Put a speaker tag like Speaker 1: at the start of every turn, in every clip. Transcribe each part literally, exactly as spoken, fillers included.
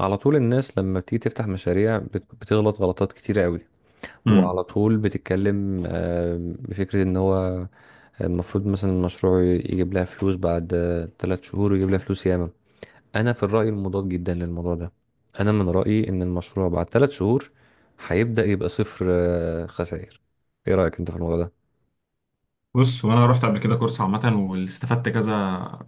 Speaker 1: على طول الناس لما بتيجي تفتح مشاريع بت- بتغلط غلطات كتيرة قوي.
Speaker 2: امم
Speaker 1: وعلى طول بتتكلم آه، بفكرة ان هو المفروض مثلا المشروع يجيب لها فلوس بعد آه، تلات شهور، ويجيب لها فلوس ياما. انا في الرأي المضاد جدا للموضوع ده. انا من رأيي ان المشروع بعد تلات شهور هيبدأ يبقى صفر آه، خسائر. ايه رأيك انت في الموضوع ده؟
Speaker 2: بص، وانا رحت قبل كده كورس عامه واستفدت كذا.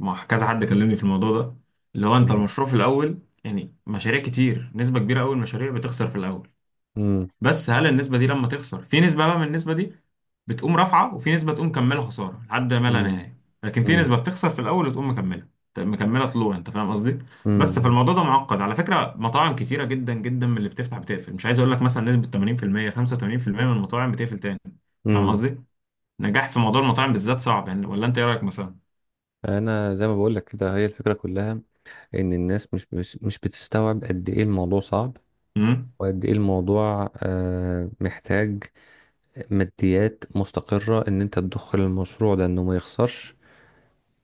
Speaker 2: مع كذا حد كلمني في الموضوع ده، اللي هو انت
Speaker 1: مم.
Speaker 2: المشروع في الاول، يعني مشاريع كتير، نسبه كبيره قوي من المشاريع بتخسر في الاول.
Speaker 1: مم.
Speaker 2: بس هل النسبه دي لما تخسر، في نسبه بقى من النسبه دي بتقوم رافعه، وفي نسبه تقوم مكمله خساره لحد ما لا
Speaker 1: مم.
Speaker 2: نهايه. لكن في
Speaker 1: مم.
Speaker 2: نسبه بتخسر في الاول وتقوم مكمله، ت- مكمله طلوع، انت فاهم قصدي؟ بس
Speaker 1: مم.
Speaker 2: فالموضوع ده معقد على فكره. مطاعم كتيره جدا جدا من اللي بتفتح بتقفل، مش عايز اقول لك مثلا نسبه ثمانين في المية، خمسة وثمانين في المية من المطاعم بتقفل تاني. أنت فاهم
Speaker 1: مم.
Speaker 2: قصدي؟ نجاح في موضوع المطاعم بالذات صعب يعني، ولا انت ايه رايك مثلا؟
Speaker 1: انا زي ما بقول لك كده، هي الفكرة كلها ان الناس مش مش مش بتستوعب قد ايه الموضوع صعب،
Speaker 2: امم
Speaker 1: وقد ايه الموضوع آه، محتاج ماديات مستقرة، ان انت تدخل المشروع ده انه ما يخسرش،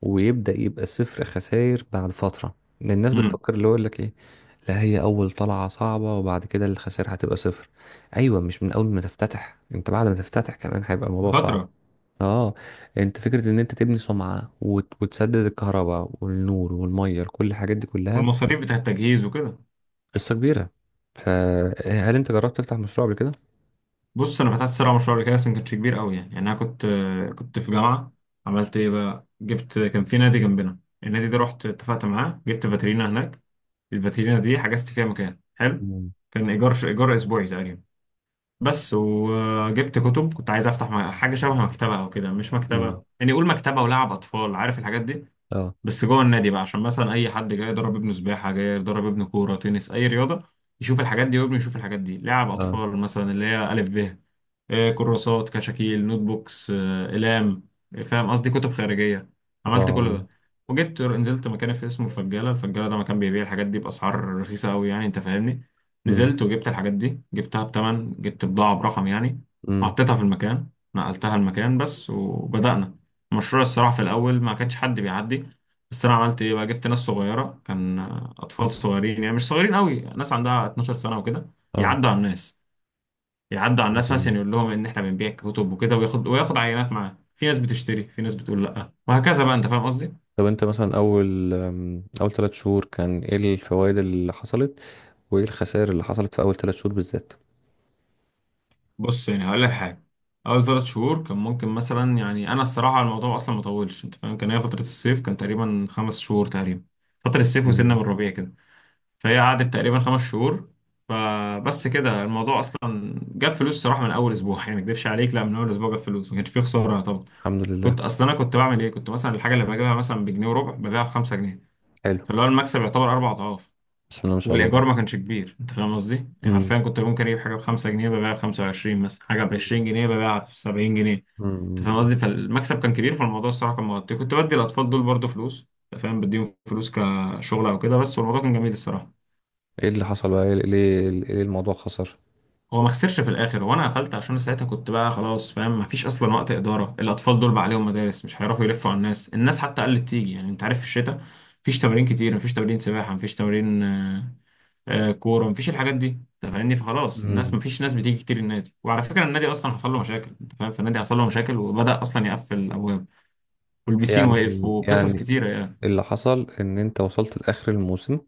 Speaker 1: ويبدأ يبقى صفر خسائر بعد فترة. لأن الناس
Speaker 2: امم
Speaker 1: بتفكر اللي هو يقول لك ايه؟ لا، هي اول طلعة صعبة، وبعد كده الخسائر هتبقى صفر. ايوه، مش من اول ما تفتتح، انت بعد ما تفتتح كمان هيبقى الموضوع صعب.
Speaker 2: فتره.
Speaker 1: اه. انت فكرة ان انت تبني سمعة، وت- وتسدد الكهرباء والنور والمية، كل الحاجات دي كلها
Speaker 2: والمصاريف بتاعه التجهيز وكده.
Speaker 1: قصة كبيرة. فهل انت جربت تفتح مشروع قبل كده؟
Speaker 2: بص، انا فتحت صراحه مشروع قبل كده، بس ما كانش كبير قوي يعني. يعني انا كنت كنت في جامعه. عملت ايه بقى، جبت، كان في نادي جنبنا، النادي ده رحت اتفقت معاه، جبت فاترينا هناك. الفاترينا دي حجزت فيها مكان حلو،
Speaker 1: مم.
Speaker 2: كان ايجار، ايجار اسبوعي تقريبا بس. وجبت كتب، كنت عايز افتح م- حاجه شبه مكتبه او كده، مش
Speaker 1: مم.
Speaker 2: مكتبه يعني، قول مكتبه ولعب اطفال، عارف الحاجات دي.
Speaker 1: اه،
Speaker 2: بس جوه النادي بقى، عشان مثلا اي حد جاي يضرب ابنه سباحه، جاي يضرب ابنه كوره، تنس، اي رياضه، يشوف الحاجات دي، وابنه يشوف الحاجات دي، لعب
Speaker 1: اه،
Speaker 2: اطفال مثلا، اللي هي الف ب، آه، كراسات، كشاكيل، نوت بوكس، آه، اقلام، آه، فاهم قصدي، كتب خارجيه. عملت
Speaker 1: اه.
Speaker 2: كل ده، وجبت، نزلت مكان في اسمه الفجاله، الفجاله ده مكان بيبيع الحاجات دي باسعار رخيصه قوي يعني، انت فاهمني.
Speaker 1: امم.
Speaker 2: نزلت وجبت الحاجات دي، جبتها بتمن، جبت بضاعه برقم يعني.
Speaker 1: امم.
Speaker 2: حطيتها في المكان، نقلتها المكان بس، وبدأنا المشروع. الصراحه في الاول ما كانش حد بيعدي، بس انا عملت ايه بقى، جبت ناس صغيره، كان اطفال صغيرين يعني، مش صغيرين قوي، ناس عندها 12 سنه وكده،
Speaker 1: اه.
Speaker 2: يعدوا على الناس، يعدوا على الناس، مثلا
Speaker 1: مم.
Speaker 2: يقول لهم ان احنا بنبيع كتب وكده، وياخد، وياخد عينات معاه. في ناس بتشتري، في ناس بتقول لا، وهكذا بقى، انت فاهم قصدي.
Speaker 1: طب انت مثلا اول أم، اول ثلاث شهور كان ايه الفوائد اللي حصلت، وايه الخسائر اللي حصلت في اول ثلاث شهور بالذات؟
Speaker 2: بص يعني هقول لك حاجه، اول ثلاث شهور كان ممكن مثلا، يعني انا الصراحه الموضوع اصلا ما طولش، انت فاهم، كان هي فتره الصيف، كان تقريبا خمس شهور تقريبا، فتره الصيف وسنه
Speaker 1: مم.
Speaker 2: من الربيع كده. فهي قعدت تقريبا خمس شهور. فبس كده الموضوع اصلا جاب فلوس صراحه من اول اسبوع، يعني ما اكدبش عليك، لا، من اول اسبوع جاب فلوس، ما كانش فيه خساره طبعا.
Speaker 1: الحمد لله.
Speaker 2: كنت اصلا، انا كنت بعمل ايه، كنت مثلا الحاجه اللي بجيبها مثلا بجنيه وربع ببيعها ب خمسة جنيه،
Speaker 1: حلو.
Speaker 2: فاللي هو المكسب يعتبر اربع اضعاف.
Speaker 1: بسم الله ما شاء الله.
Speaker 2: والايجار ما كانش كبير، انت فاهم قصدي. يعني
Speaker 1: امم.
Speaker 2: حرفيا كنت ممكن اجيب حاجه ب خمسة جنيه ببيعها ب خمسة وعشرين مثلا، حاجه ب عشرين جنيه ببيعها ب سبعين جنيه، انت فاهم
Speaker 1: امم.
Speaker 2: قصدي. فالمكسب كان كبير، فالموضوع الصراحه كان مغطي. كنت بدي الاطفال دول برضو فلوس، انت فاهم، بديهم فلوس كشغل او كده بس، والموضوع كان جميل الصراحه.
Speaker 1: ايه اللي حصل بقى؟ ليه ليه ليه الموضوع خسر؟
Speaker 2: هو ما خسرش في الاخر، وانا قفلت عشان ساعتها كنت بقى خلاص، فاهم، ما فيش اصلا وقت اداره. الاطفال دول بقى عليهم مدارس، مش هيعرفوا يلفوا على الناس. الناس حتى قلت تيجي يعني، انت عارف في الشتاء مفيش تمارين كتير، مفيش تمارين سباحه، مفيش تمارين آه، آه، كوره، مفيش الحاجات دي، انت فاهمني. فخلاص الناس،
Speaker 1: امم.
Speaker 2: مفيش ناس بتيجي كتير النادي، وعلى فكره النادي اصلا حصل له مشاكل، انت فاهم. فالنادي حصل له مشاكل، وبدا اصلا يقفل الابواب، والبيسين واقف،
Speaker 1: يعني
Speaker 2: وقصص
Speaker 1: يعني
Speaker 2: كتيره يعني.
Speaker 1: اللي حصل ان انت وصلت لاخر الموسم،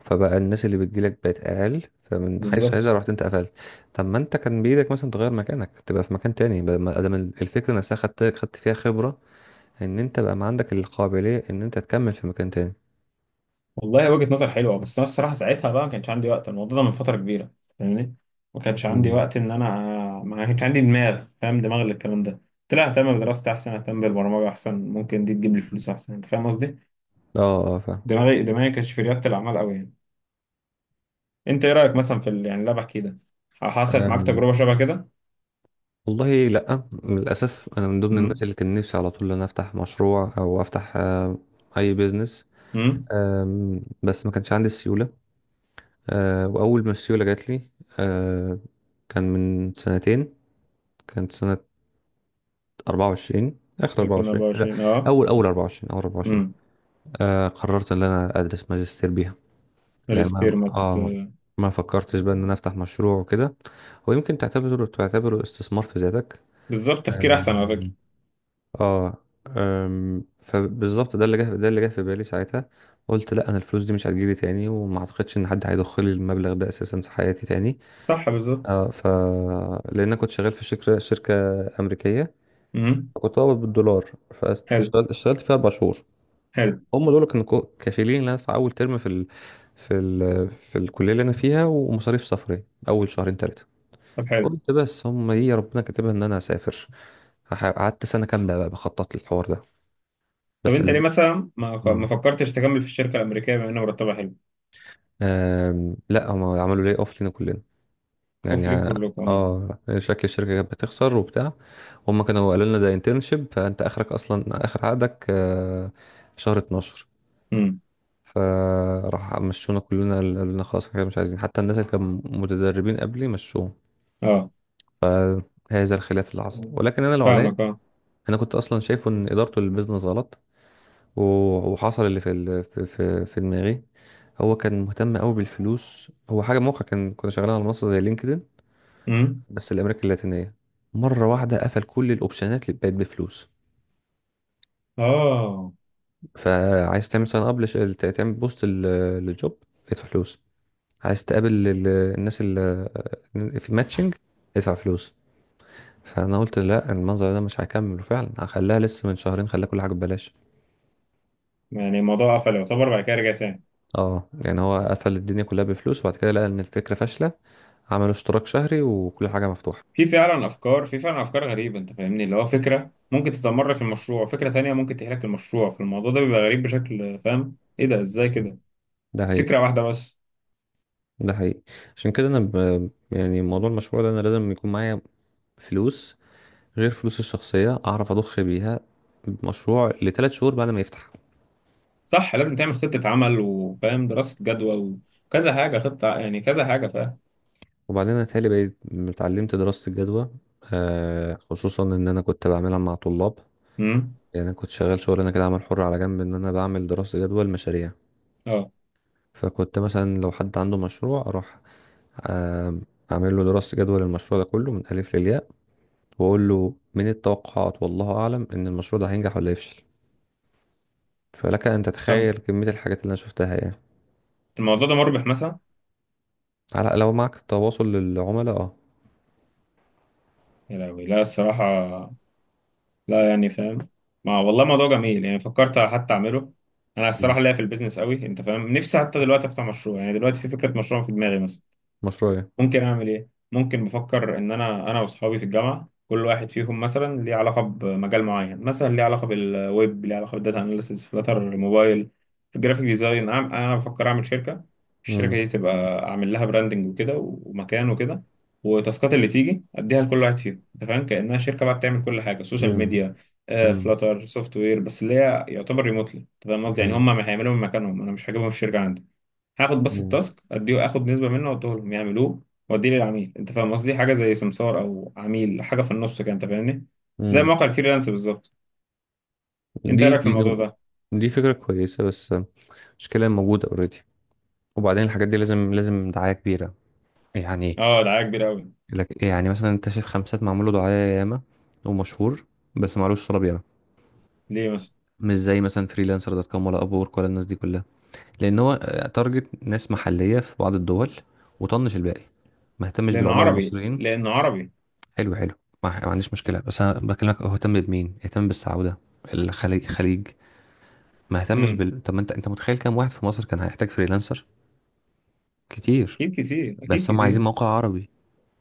Speaker 1: فبقى الناس اللي بتجيلك بقت اقل، فمن حيث هذا
Speaker 2: بالظبط.
Speaker 1: رحت انت قفلت. طب ما انت كان بايدك مثلا تغير مكانك، تبقى في مكان تاني، بدل ما ادام الفكره نفسها خدت خدت فيها خبره، ان انت بقى ما عندك القابليه ان انت تكمل في مكان تاني.
Speaker 2: والله وجهة نظر حلوة، بس أنا الصراحة ساعتها بقى ما كانش عندي وقت، الموضوع ده من فترة كبيرة، فاهمني. ما كانش عندي
Speaker 1: مم.
Speaker 2: وقت إن أنا، ما كانش عندي دماغ، فاهم، دماغ للكلام ده. قلت لها أهتم بدراستي أحسن، أهتم بالبرمجة أحسن، ممكن دي تجيب لي فلوس أحسن، أنت فاهم قصدي.
Speaker 1: اه، اه، فاهم.
Speaker 2: دماغي دماغي ما كانتش في ريادة الأعمال أوي يعني. أنت إيه رأيك مثلا في ال... يعني اللي أنا بحكيه ده، حصلت معاك
Speaker 1: أم،
Speaker 2: تجربة شبه كده؟
Speaker 1: والله لا، للاسف انا من ضمن الناس
Speaker 2: امم.
Speaker 1: اللي كان نفسي على طول ان أنا افتح مشروع، او افتح آه، اي بيزنس.
Speaker 2: امم.
Speaker 1: آم، بس ما كانش عندي السيوله. آه، واول ما السيوله جات لي آه، كان من سنتين، كانت سنه اربعه وعشرين، اخر اربعة وعشرين آه،
Speaker 2: ألفين واربعة وعشرين، أه.
Speaker 1: اول اول اربعه وعشرين اول اربعه وعشرين
Speaker 2: امم.
Speaker 1: آه قررت ان انا ادرس ماجستير بيها. يعني ما
Speaker 2: ماجستير مت...
Speaker 1: اه ما فكرتش بقى ان انا افتح مشروع وكده. هو يمكن تعتبره تعتبره استثمار في ذاتك.
Speaker 2: بالظبط، تفكير أحسن على فكرة.
Speaker 1: آم، اه. آم، فبالظبط ده اللي جه ده اللي جه في بالي ساعتها. قلت لا، انا الفلوس دي مش هتجيلي تاني، وما اعتقدش ان حد هيدخل لي المبلغ ده اساسا في حياتي تاني.
Speaker 2: صح، بالظبط.
Speaker 1: اه، ف لان انا كنت شغال في شركه شركه امريكيه،
Speaker 2: امم.
Speaker 1: كنت بقبض بالدولار.
Speaker 2: حلو،
Speaker 1: فاشتغلت اشتغلت فيها اربع شهور.
Speaker 2: حلو.
Speaker 1: هم دول كانوا كو- كافيين ان انا ادفع اول ترم في ال... في ال... في الكليه اللي انا فيها، ومصاريف سفري اول شهرين ثلاثه.
Speaker 2: طب حلو.
Speaker 1: قلت بس هم دي ربنا كاتبها ان انا هسافر. هح- قعدت سنه كامله بقى بخطط للحوار ده.
Speaker 2: طب
Speaker 1: بس
Speaker 2: انت ليه
Speaker 1: ال...
Speaker 2: مثلا ما ما
Speaker 1: مم.
Speaker 2: فكرتش تكمل في الشركه الامريكيه، بما ان مرتبها حلو؟
Speaker 1: آم... لا، هم عملوا لي اوف، لينا كلنا.
Speaker 2: اوف
Speaker 1: يعني
Speaker 2: ليك
Speaker 1: ع-
Speaker 2: كلكم، اه.
Speaker 1: اه، شكل الشركه كانت بتخسر وبتاع. هم كانوا قالوا لنا ده انترنشيب، فانت اخرك اصلا اخر عقدك آه، في شهر اثنا عشر.
Speaker 2: امم.
Speaker 1: فراح مشونا كلنا، قال قالوا لنا خلاص كده مش عايزين، حتى الناس اللي كانوا متدربين قبلي مشوهم.
Speaker 2: اه،
Speaker 1: هذا الخلاف اللي حصل، ولكن انا لو عليا،
Speaker 2: فاهمك، اه.
Speaker 1: انا كنت اصلا شايفه ان ادارته للبيزنس غلط. و- وحصل اللي في ال- في في, في دماغي. هو كان مهتم قوي بالفلوس. هو حاجه موقع، كان كنا شغالين على منصه زي لينكدين،
Speaker 2: امم.
Speaker 1: بس الامريكا اللاتينيه. مره واحده قفل كل الاوبشنات اللي بقت بفلوس.
Speaker 2: اه،
Speaker 1: فعايز تعمل ساين اب، تعمل بوست لل- للجوب، ادفع فلوس. عايز تقابل ال- الناس اللي في ماتشنج، ادفع فلوس. فانا قلت لا، المنظر ده مش هكمل، وفعلا هخليها لسه من شهرين خليها كل حاجه ببلاش.
Speaker 2: يعني الموضوع قفل يعتبر، بعد كده رجع تاني.
Speaker 1: اه، يعني هو قفل الدنيا كلها بفلوس، وبعد كده لقى ان الفكره فاشله، عملوا اشتراك شهري وكل حاجه مفتوحه.
Speaker 2: في فعلا افكار في فعلا افكار غريبه، انت فاهمني، اللي هو فكره ممكن تدمر لك المشروع، فكره تانية ممكن تحلك المشروع. فالموضوع ده بيبقى غريب بشكل، فاهم، ايه ده، ازاي كده،
Speaker 1: ده حقيقي.
Speaker 2: فكره واحده بس.
Speaker 1: ده حقيقي. عشان كده انا ب... يعني موضوع المشروع ده انا لازم يكون معايا فلوس، غير فلوس الشخصيه، اعرف اضخ بيها مشروع لثلاث شهور بعد ما يفتح.
Speaker 2: صح، لازم تعمل خطه عمل، وفاهم، دراسه جدوى، وكذا حاجه، خطه يعني، كذا حاجه، فاهم.
Speaker 1: وبعدين انا تهيألي بقيت اتعلمت دراسة الجدوى، آه خصوصا ان انا كنت بعملها مع طلاب.
Speaker 2: امم.
Speaker 1: يعني انا كنت شغال شغل انا كده، عمل حر على جنب، ان انا بعمل دراسة جدوى المشاريع.
Speaker 2: اه.
Speaker 1: فكنت مثلا لو حد عنده مشروع اروح آه اعمل له دراسة جدوى للمشروع ده كله من الف للياء، واقول له من التوقعات والله اعلم ان المشروع ده هينجح ولا يفشل. فلك ان
Speaker 2: طب
Speaker 1: تتخيل كمية الحاجات اللي انا شفتها يعني.
Speaker 2: الموضوع ده مربح مثلا؟
Speaker 1: على، لو معك تواصل للعملاء، اه.
Speaker 2: يا لهوي، لا الصراحة، لا يعني، فاهم، ما والله موضوع جميل يعني، فكرت حتى أعمله. أنا الصراحة ليا في البيزنس قوي، أنت فاهم، نفسي حتى دلوقتي أفتح مشروع، يعني دلوقتي في فكرة مشروع في دماغي مثلا.
Speaker 1: مشروعي.
Speaker 2: ممكن اعمل ايه؟ ممكن بفكر ان انا، انا واصحابي في الجامعه، كل واحد فيهم مثلا ليه علاقه بمجال معين، مثلا ليه علاقه بالويب، ليه علاقه بالداتا اناليسيس، فلاتر موبايل، في الجرافيك ديزاين، انا، أنا بفكر اعمل شركه. الشركه
Speaker 1: امم.
Speaker 2: دي تبقى اعمل لها براندنج وكده، ومكان وكده، والتاسكات اللي تيجي اديها لكل واحد فيهم. انت فاهم، كانها شركه بقى بتعمل كل حاجه، سوشيال
Speaker 1: امم.
Speaker 2: ميديا، فلاتر، سوفت وير، بس اللي هي يعتبر ريموتلي، انت فاهم قصدي، يعني
Speaker 1: امم.
Speaker 2: هم ما هيعملوا من مكانهم، انا مش هجيبهم الشركه عندي، هاخد بس التاسك، اديه، اخد نسبه منه واديه لهم يعملوه، واديه للعميل، انت فاهم قصدي. حاجه زي سمسار، او عميل، حاجه في النص كده، انت فاهمني، زي
Speaker 1: امم.
Speaker 2: موقع الفريلانس بالظبط. انت ايه
Speaker 1: دي
Speaker 2: رايك في
Speaker 1: دي
Speaker 2: الموضوع ده؟
Speaker 1: دي فكرة كويسة، بس المشكلة موجودة اوريدي. وبعدين الحاجات دي لازم لازم دعاية كبيرة يعني.
Speaker 2: اه، دعايه كبيره قوي.
Speaker 1: لك يعني مثلا انت شايف خمسات، معمول له دعاية ياما، ومشهور، بس معلوش طلب ياما.
Speaker 2: ليه مثلا؟
Speaker 1: مش زي مثلا فريلانسر دوت كوم ولا اب وورك ولا الناس دي كلها. لان هو تارجت ناس محلية في بعض الدول، وطنش الباقي، ما اهتمش
Speaker 2: لانه
Speaker 1: بالعملاء
Speaker 2: عربي،
Speaker 1: المصريين.
Speaker 2: لانه عربي.
Speaker 1: حلو، حلو. ما ما عنديش مشكلة، بس انا بكلمك هو اهتم بمين؟ اهتم بالسعودة، الخليج خليج، ما اهتمش
Speaker 2: امم.
Speaker 1: بال طب ما انت انت متخيل كام واحد في مصر كان هيحتاج فريلانسر؟ كتير.
Speaker 2: اكيد كتير، اكيد
Speaker 1: بس هم عايزين
Speaker 2: كتير.
Speaker 1: موقع عربي،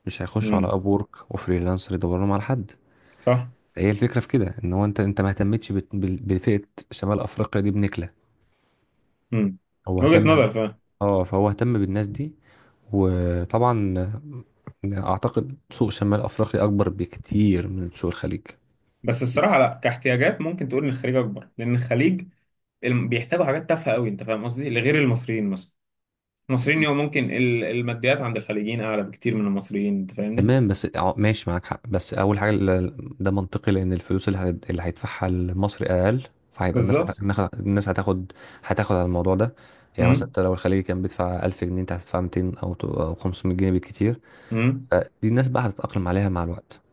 Speaker 1: مش هيخشوا على
Speaker 2: امم،
Speaker 1: ابورك وفريلانسر يدوروا لهم على حد.
Speaker 2: صح.
Speaker 1: هي الفكره في كده، ان هو انت انت ما اهتمتش بت- بال- بفئه شمال افريقيا دي بنكله.
Speaker 2: امم.
Speaker 1: هو
Speaker 2: وجهه
Speaker 1: اهتم.
Speaker 2: نظر، فاهم.
Speaker 1: اه، فهو اهتم بالناس دي، وطبعا اعتقد سوق شمال افريقيا اكبر بكتير من سوق الخليج.
Speaker 2: بس الصراحه لا، كاحتياجات ممكن تقول ان الخليج اكبر، لان الخليج، الم- بيحتاجوا حاجات تافهه قوي، انت فاهم قصدي، لغير المصريين مثلا. المصريين يوم، ممكن ال- الماديات عند الخليجيين اعلى بكتير من المصريين، انت فاهمني.
Speaker 1: تمام، بس اه ماشي، معاك حق. بس اول حاجه ال- ده منطقي، لان الفلوس اللي هت- اللي هيدفعها لمصر اقل، فهيبقى الناس هت...
Speaker 2: بالظبط.
Speaker 1: النخ- الناس هتاخد، هتاخد على الموضوع ده. يعني مثلا
Speaker 2: امم.
Speaker 1: انت لو الخليجي كان بيدفع الف جنيه، انت هتدفع ميتين او ت- او خمسمئة جنيه بالكتير.
Speaker 2: امم.
Speaker 1: فدي الناس بقى هتتاقلم عليها مع الوقت.